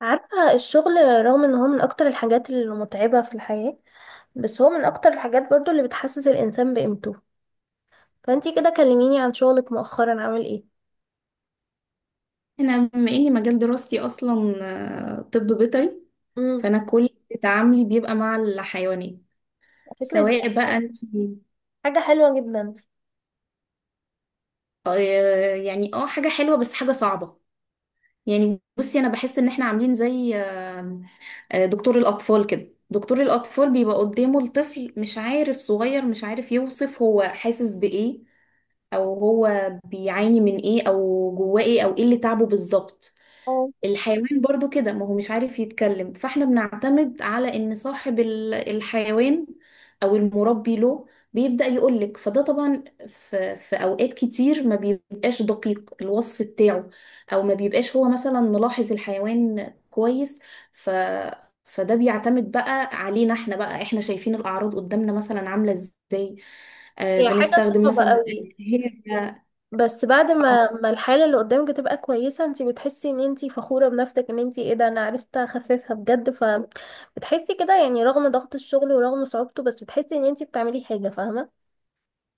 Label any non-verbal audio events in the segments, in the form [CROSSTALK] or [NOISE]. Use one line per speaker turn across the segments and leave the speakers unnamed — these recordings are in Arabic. عارفة الشغل، رغم ان هو من اكتر الحاجات المتعبة في الحياة، بس هو من اكتر الحاجات برضو اللي بتحسس الانسان بقيمته. فانتي كده كلميني عن شغلك مؤخرا عامل ايه؟
انا بما اني مجال دراستي اصلا طب بيطري.
امم.
فانا كل تعاملي بيبقى مع الحيوانات.
الفكرة دي
سواء بقى
أصلاً
انت،
حاجة حلوة جدا.
آه، يعني اه، حاجه حلوه بس حاجه صعبه. يعني بصي، انا بحس ان احنا عاملين زي، دكتور الاطفال كده. دكتور الاطفال بيبقى قدامه الطفل مش عارف، صغير مش عارف يوصف هو حاسس بايه، او هو بيعاني من ايه، او جواه ايه، او ايه اللي تعبه بالظبط.
اه،
الحيوان برضو كده، ما هو مش عارف يتكلم، فاحنا بنعتمد على ان صاحب الحيوان او المربي له بيبدأ يقولك. فده طبعا في اوقات كتير ما بيبقاش دقيق الوصف بتاعه، او ما بيبقاش هو مثلا ملاحظ الحيوان كويس. ف فده بيعتمد بقى علينا احنا بقى، احنا شايفين الاعراض قدامنا مثلا عاملة ازاي. آه،
هي حاجة
بنستخدم
صعبة
مثلا.
قوي.
هي،
بس بعد ما الحالة اللي قدامك تبقى كويسة انتي بتحسي ان انتي فخورة بنفسك ان انتي ايه ده انا عرفت اخففها بجد، فبتحسي كده يعني رغم ضغط الشغل ورغم صعوبته بس بتحسي ان انتي بتعملي حاجة، فاهمة؟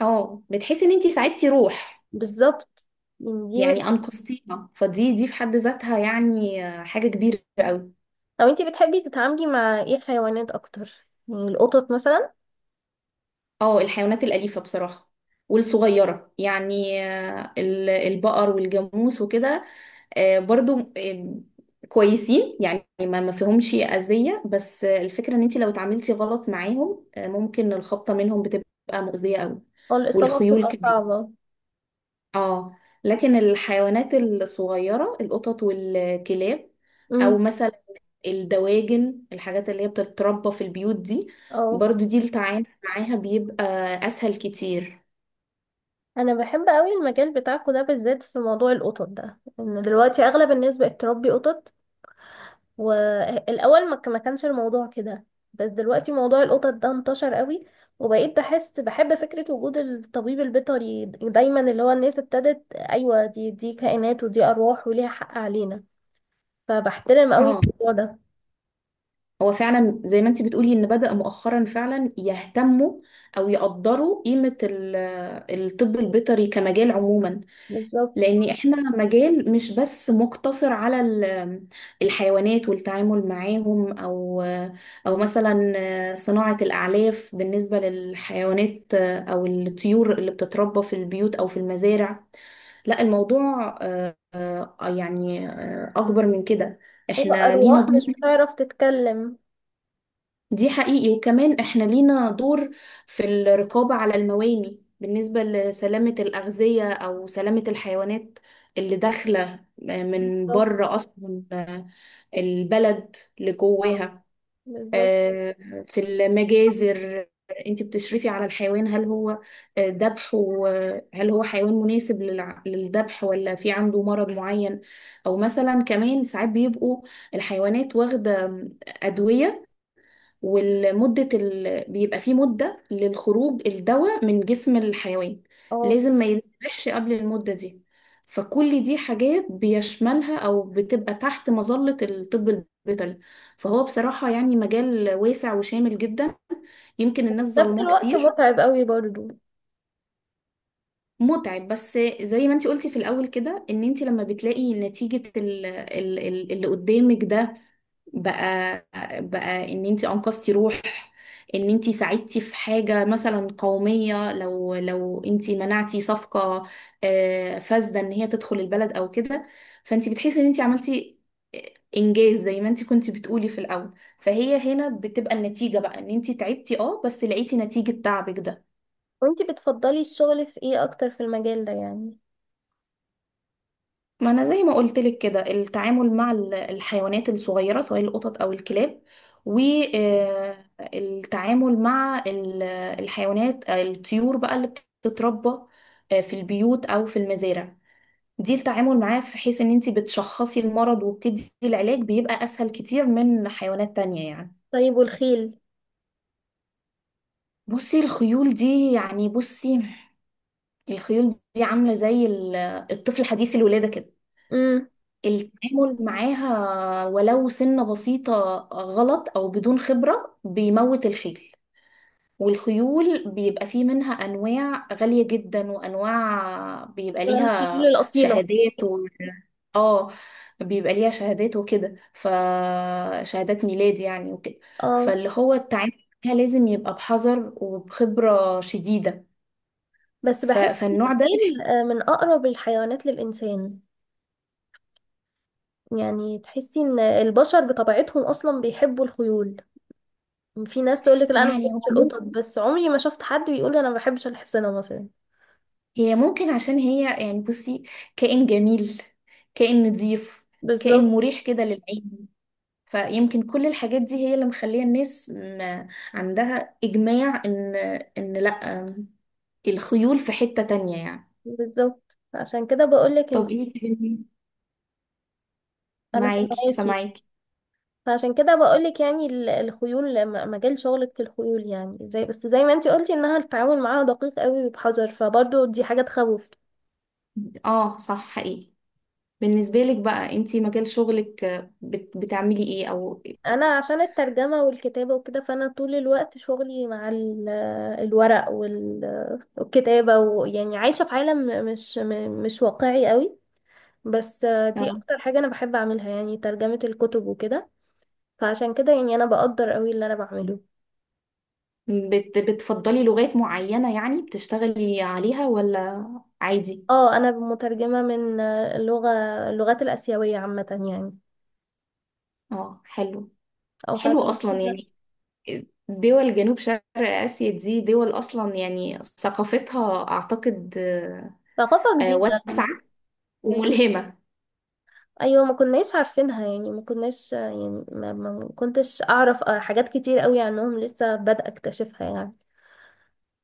اه بتحسي ان انتي ساعدتي روح.
بالظبط. يعني دي من.
يعني أنقذتينا، فدي في حد ذاتها يعني حاجة كبيرة قوي.
لو انتي بتحبي تتعاملي مع ايه حيوانات اكتر، يعني القطط مثلا؟
اه، الحيوانات الأليفة بصراحة والصغيرة، يعني البقر والجاموس وكده آه، برضو آه، كويسين، يعني ما فيهمش أذية. بس الفكرة ان انت لو اتعاملتي غلط معاهم، ممكن الخبطة منهم بتبقى مؤذية قوي.
هو الاصابه
والخيول
بتبقى
كمان.
صعبه.
اه. لكن الحيوانات الصغيرة، القطط والكلاب، او
امم.
مثلا الدواجن، الحاجات اللي هي بتتربى في البيوت دي،
اه.
برضو دي التعامل معاها بيبقى اسهل كتير.
انا بحب قوي المجال بتاعكو ده، بالذات في موضوع القطط ده، ان دلوقتي اغلب الناس بقت تربي قطط. والاول ما كانش الموضوع كده، بس دلوقتي موضوع القطط ده انتشر قوي. وبقيت بحس بحب فكره وجود الطبيب البيطري دايما، اللي هو الناس ابتدت ايوه دي كائنات ودي ارواح وليها حق علينا. فبحترم قوي
اه،
الموضوع ده.
هو فعلا زي ما انتي بتقولي، ان بدأ مؤخرا فعلا يهتموا او يقدروا قيمة الطب البيطري كمجال عموما.
بالظبط.
لان احنا مجال مش بس مقتصر على الحيوانات والتعامل معاهم، او او مثلا صناعة الاعلاف بالنسبة للحيوانات او الطيور اللي بتتربى في البيوت او في المزارع. لا، الموضوع يعني اكبر من كده.
هيبقى
احنا لينا
أرواح مش
دور.
هتعرف تتكلم.
دي حقيقي، وكمان احنا لينا دور في الرقابة على المواني بالنسبة لسلامة الأغذية أو سلامة الحيوانات اللي داخلة من
بالظبط.
بره أصلا، البلد لجواها.
بالظبط.
آه، في المجازر، انت بتشرفي على الحيوان، هل هو ذبح، هل هو حيوان مناسب للذبح، ولا في عنده مرض معين. او مثلا كمان ساعات بيبقوا الحيوانات واخدة أدوية، والمدة بيبقى فيه مدة للخروج الدواء من جسم الحيوان.
اه.
لازم ما يتذبحش قبل المدة دي. فكل دي حاجات بيشملها أو بتبقى تحت مظلة الطب البيطري. فهو بصراحة يعني مجال واسع وشامل جدا. يمكن الناس
نفس
ظلماه
الوقت
كتير.
متعب قوي برضو.
متعب، بس زي ما انتي قلتي في الأول كده، ان انتي لما بتلاقي نتيجة اللي قدامك ده بقى بقى، ان انتي انقذتي روح، ان انتي ساعدتي في حاجة مثلا قومية، لو انتي منعتي صفقة فاسدة ان هي تدخل البلد او كده، فانتي بتحسي ان انتي عملتي انجاز، زي ما انتي كنتي بتقولي في الاول. فهي هنا بتبقى النتيجة بقى، ان انتي تعبتي اه بس لقيتي نتيجة تعبك ده.
وانتي بتفضلي الشغل في ايه أكتر في المجال ده يعني؟
ما انا زي ما قلت لك كده، التعامل مع الحيوانات الصغيره، سواء القطط او الكلاب، والتعامل مع الحيوانات، الطيور بقى اللي بتتربى في البيوت او في المزارع، دي التعامل معاه، في حيث ان انت بتشخصي المرض وبتدي العلاج، بيبقى اسهل كتير من حيوانات تانية يعني.
طيب، والخيل؟
بصي الخيول دي يعني، بصي الخيول دي عامله زي الطفل حديث الولاده كده.
امم.
التعامل معاها، ولو سنة بسيطة غلط أو بدون خبرة، بيموت الخيل. والخيول بيبقى فيه منها أنواع غالية جدا، وأنواع بيبقى
الخيل
ليها
الأصيلة.
شهادات و... اه، بيبقى ليها شهادات وكده، فشهادات ميلاد يعني وكده.
اه.
فاللي هو التعامل معاها لازم يبقى بحذر وبخبرة شديدة.
بس بحس إن
فالنوع ده
الخيل من أقرب الحيوانات للإنسان. يعني تحسي إن البشر بطبيعتهم أصلا بيحبوا الخيول. في ناس تقولك لا، أنا ما
يعني.
بحبش
هو،
القطط، بس عمري ما شفت حد بيقول أنا ما بحبش الحصنة مثلا.
هي ممكن عشان هي يعني بصي، كائن جميل، كائن نظيف، كائن
بالظبط.
مريح كده للعين. فيمكن كل الحاجات دي هي اللي مخلية الناس ما عندها إجماع، إن إن لأ، الخيول في حتة تانية يعني.
بالظبط عشان كده بقولك.
طب انت
انا
معاكي،
سامعاكي.
سامعاكي.
فعشان كده بقولك يعني الخيول، مجال شغلك في الخيول يعني، زي بس زي ما انتي قلتي انها التعامل معاها دقيق قوي وبحذر، فبرضه دي حاجة تخوف.
اه صح حقيقي. بالنسبة لك بقى، انت مجال شغلك بتعملي ايه؟ او
انا عشان الترجمة والكتابة وكده، فانا طول الوقت شغلي مع الورق والكتابة، ويعني عايشة في عالم مش واقعي قوي. بس دي
آه،
اكتر حاجة انا بحب اعملها، يعني ترجمة الكتب وكده. فعشان كده يعني انا بقدر قوي اللي انا بعمله.
بتفضلي لغات معينة يعني بتشتغلي عليها، ولا عادي؟
اه، انا مترجمه من اللغات الاسيويه عامه. يعني.
اه، حلو.
او
حلو
فعشان
اصلا
كده.
يعني. دول جنوب شرق اسيا، دي دول اصلا يعني ثقافتها اعتقد
ثقافه جديده.
واسعه وملهمه.
ايوه، ما كناش عارفينها يعني، ما كناش يعني، ما كنتش اعرف حاجات كتير قوي عنهم، لسه بادئه اكتشفها يعني.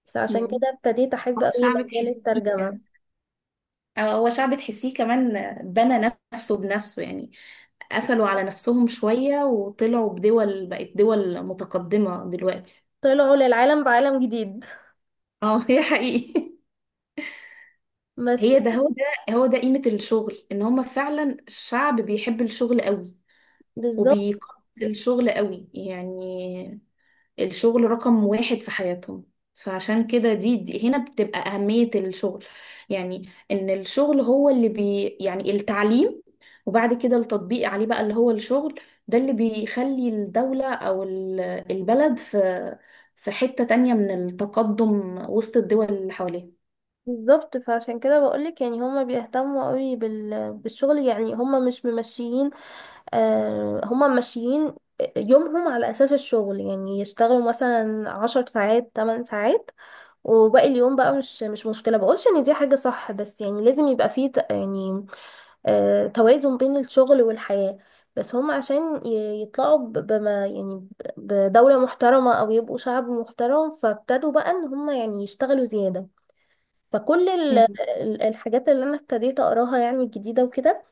فعشان
مم.
كده ابتديت احب
هو
قوي
شعب
مجال
تحسيه،
الترجمه.
هو شعب تحسيه كمان بنى نفسه بنفسه يعني. قفلوا على نفسهم شويه وطلعوا بدول، بقت دول متقدمه دلوقتي.
طلعوا للعالم بعالم جديد.
اه، هي حقيقي. [LAUGHS]
بس.
هي ده هو ده هو ده قيمه الشغل، ان هم فعلا شعب بيحب الشغل قوي،
بالظبط.
وبيقدس الشغل قوي يعني. الشغل رقم واحد في حياتهم. فعشان كده دي هنا بتبقى أهمية الشغل. يعني إن الشغل هو اللي بي، يعني التعليم، وبعد كده التطبيق عليه بقى اللي هو الشغل، ده اللي بيخلي الدولة أو البلد في في حتة تانية من التقدم وسط الدول اللي حواليها.
بالظبط فعشان كده بقولك يعني هما بيهتموا قوي بالشغل. يعني هما مش ممشيين، هما ماشيين يومهم على أساس الشغل، يعني يشتغلوا مثلا عشر ساعات، تمن ساعات، وباقي اليوم بقى مش مشكلة. بقولش إن دي حاجة صح، بس يعني لازم يبقى فيه يعني توازن بين الشغل والحياة. بس هم عشان يطلعوا بما يعني بدولة محترمة أو يبقوا شعب محترم، فابتدوا بقى إن هم يعني يشتغلوا زيادة. فكل
مم.
الحاجات اللي انا ابتديت اقراها يعني الجديدة وكده،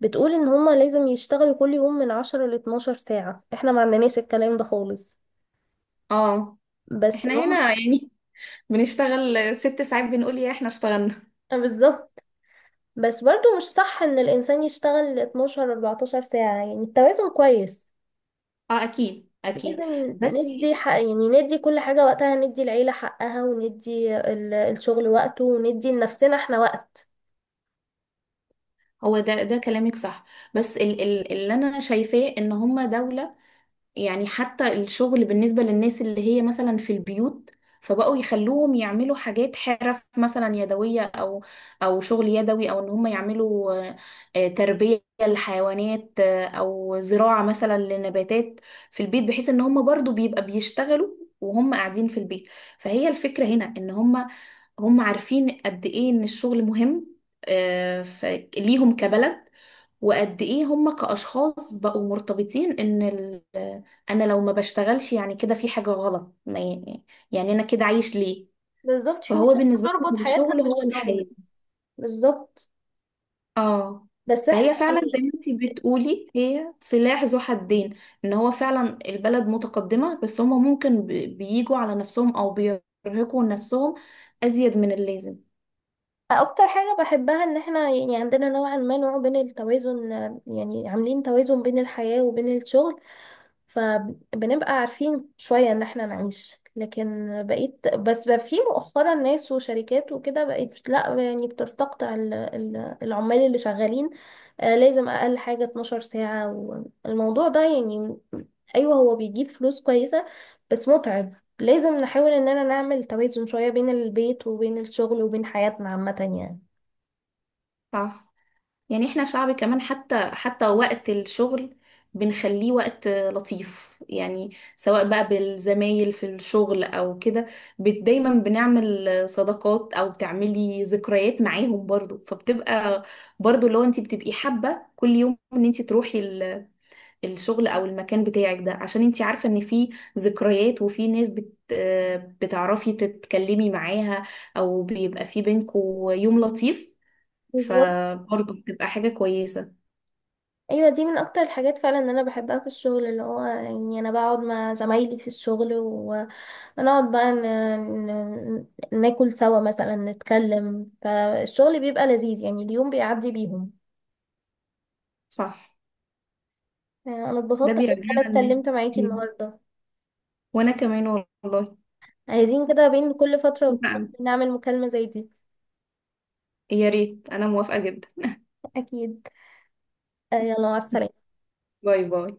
بتقول ان هما لازم يشتغلوا كل يوم من عشرة لاتناشر ساعة. احنا ما عندناش الكلام ده خالص.
اه،
بس
احنا
هم.
هنا يعني بنشتغل ست ساعات بنقول يا احنا اشتغلنا.
آه، بالظبط. بس برضو مش صح ان الانسان يشتغل 12 14 ساعة. يعني التوازن كويس.
اه، اكيد اكيد.
لازم
بس
ندي حق، يعني ندي كل حاجة وقتها، ندي العيلة حقها وندي الشغل وقته وندي لنفسنا احنا وقت.
هو ده كلامك صح. بس اللي انا شايفاه، ان هما دولة يعني حتى الشغل بالنسبة للناس اللي هي مثلا في البيوت، فبقوا يخلوهم يعملوا حاجات حرف مثلا يدوية، أو أو شغل يدوي، أو إن هم يعملوا تربية لحيوانات، أو زراعة مثلا لنباتات في البيت، بحيث إن هم برضو بيبقى بيشتغلوا وهم قاعدين في البيت. فهي الفكرة هنا، إن هم، هم عارفين قد إيه إن الشغل مهم آه، ف- ليهم كبلد. وقد ايه هم كأشخاص بقوا مرتبطين ان انا لو ما بشتغلش يعني كده في حاجة غلط، ما ي- يعني انا كده عايش ليه.
بالظبط، في
فهو
ناس
بالنسبة
بتربط
لهم
حياتها
الشغل هو
بالشغل.
الحياة.
بالظبط.
اه.
بس احنا
فهي فعلا
يعني.
زي ما انتي بتقولي، هي سلاح ذو حدين. ان هو فعلا البلد متقدمة، بس هم ممكن بيجوا على نفسهم، او بيرهقوا نفسهم ازيد من اللازم.
اكتر حاجة بحبها ان احنا يعني عندنا نوعا ما نوع بين التوازن، يعني عاملين توازن بين الحياة وبين الشغل. فبنبقى عارفين شوية ان احنا نعيش، لكن بقيت، بس بقى في مؤخرا ناس وشركات وكده بقيت لا، يعني بتستقطع العمال اللي شغالين لازم اقل حاجة 12 ساعة. والموضوع ده يعني، ايوه هو بيجيب فلوس كويسة بس متعب. لازم نحاول اننا نعمل توازن شوية بين البيت وبين الشغل وبين حياتنا عامة يعني.
صح. يعني احنا شعب كمان، حتى وقت الشغل بنخليه وقت لطيف، يعني سواء بقى بالزمايل في الشغل او كده. دايما بنعمل صداقات او بتعملي ذكريات معاهم برضو. فبتبقى برضو، لو انت بتبقي حابة كل يوم ان انت تروحي الشغل او المكان بتاعك ده، عشان انت عارفة ان في ذكريات، وفي ناس بتعرفي تتكلمي معاها، او بيبقى في بينكوا يوم لطيف.
بالظبط.
فبرضه بتبقى حاجة كويسة.
ايوه دي من اكتر الحاجات فعلا ان انا بحبها في الشغل، اللي هو يعني انا بقعد مع زمايلي في الشغل ونقعد بقى ن... ناكل سوا مثلا، نتكلم، فالشغل بيبقى لذيذ يعني، اليوم بيعدي بيهم.
صح.
انا
ده
اتبسطت قوي ان
بيرجعنا
انا
ان،
اتكلمت معاكي
إن-
النهارده.
وانا كمان والله
عايزين كده بين كل فترة
مبسوطة
والتانية
أوي.
نعمل مكالمة زي دي.
يا ريت، انا موافقة جدا.
اكيد. يلا، مع
[LAUGHS]
السلامة.
باي باي.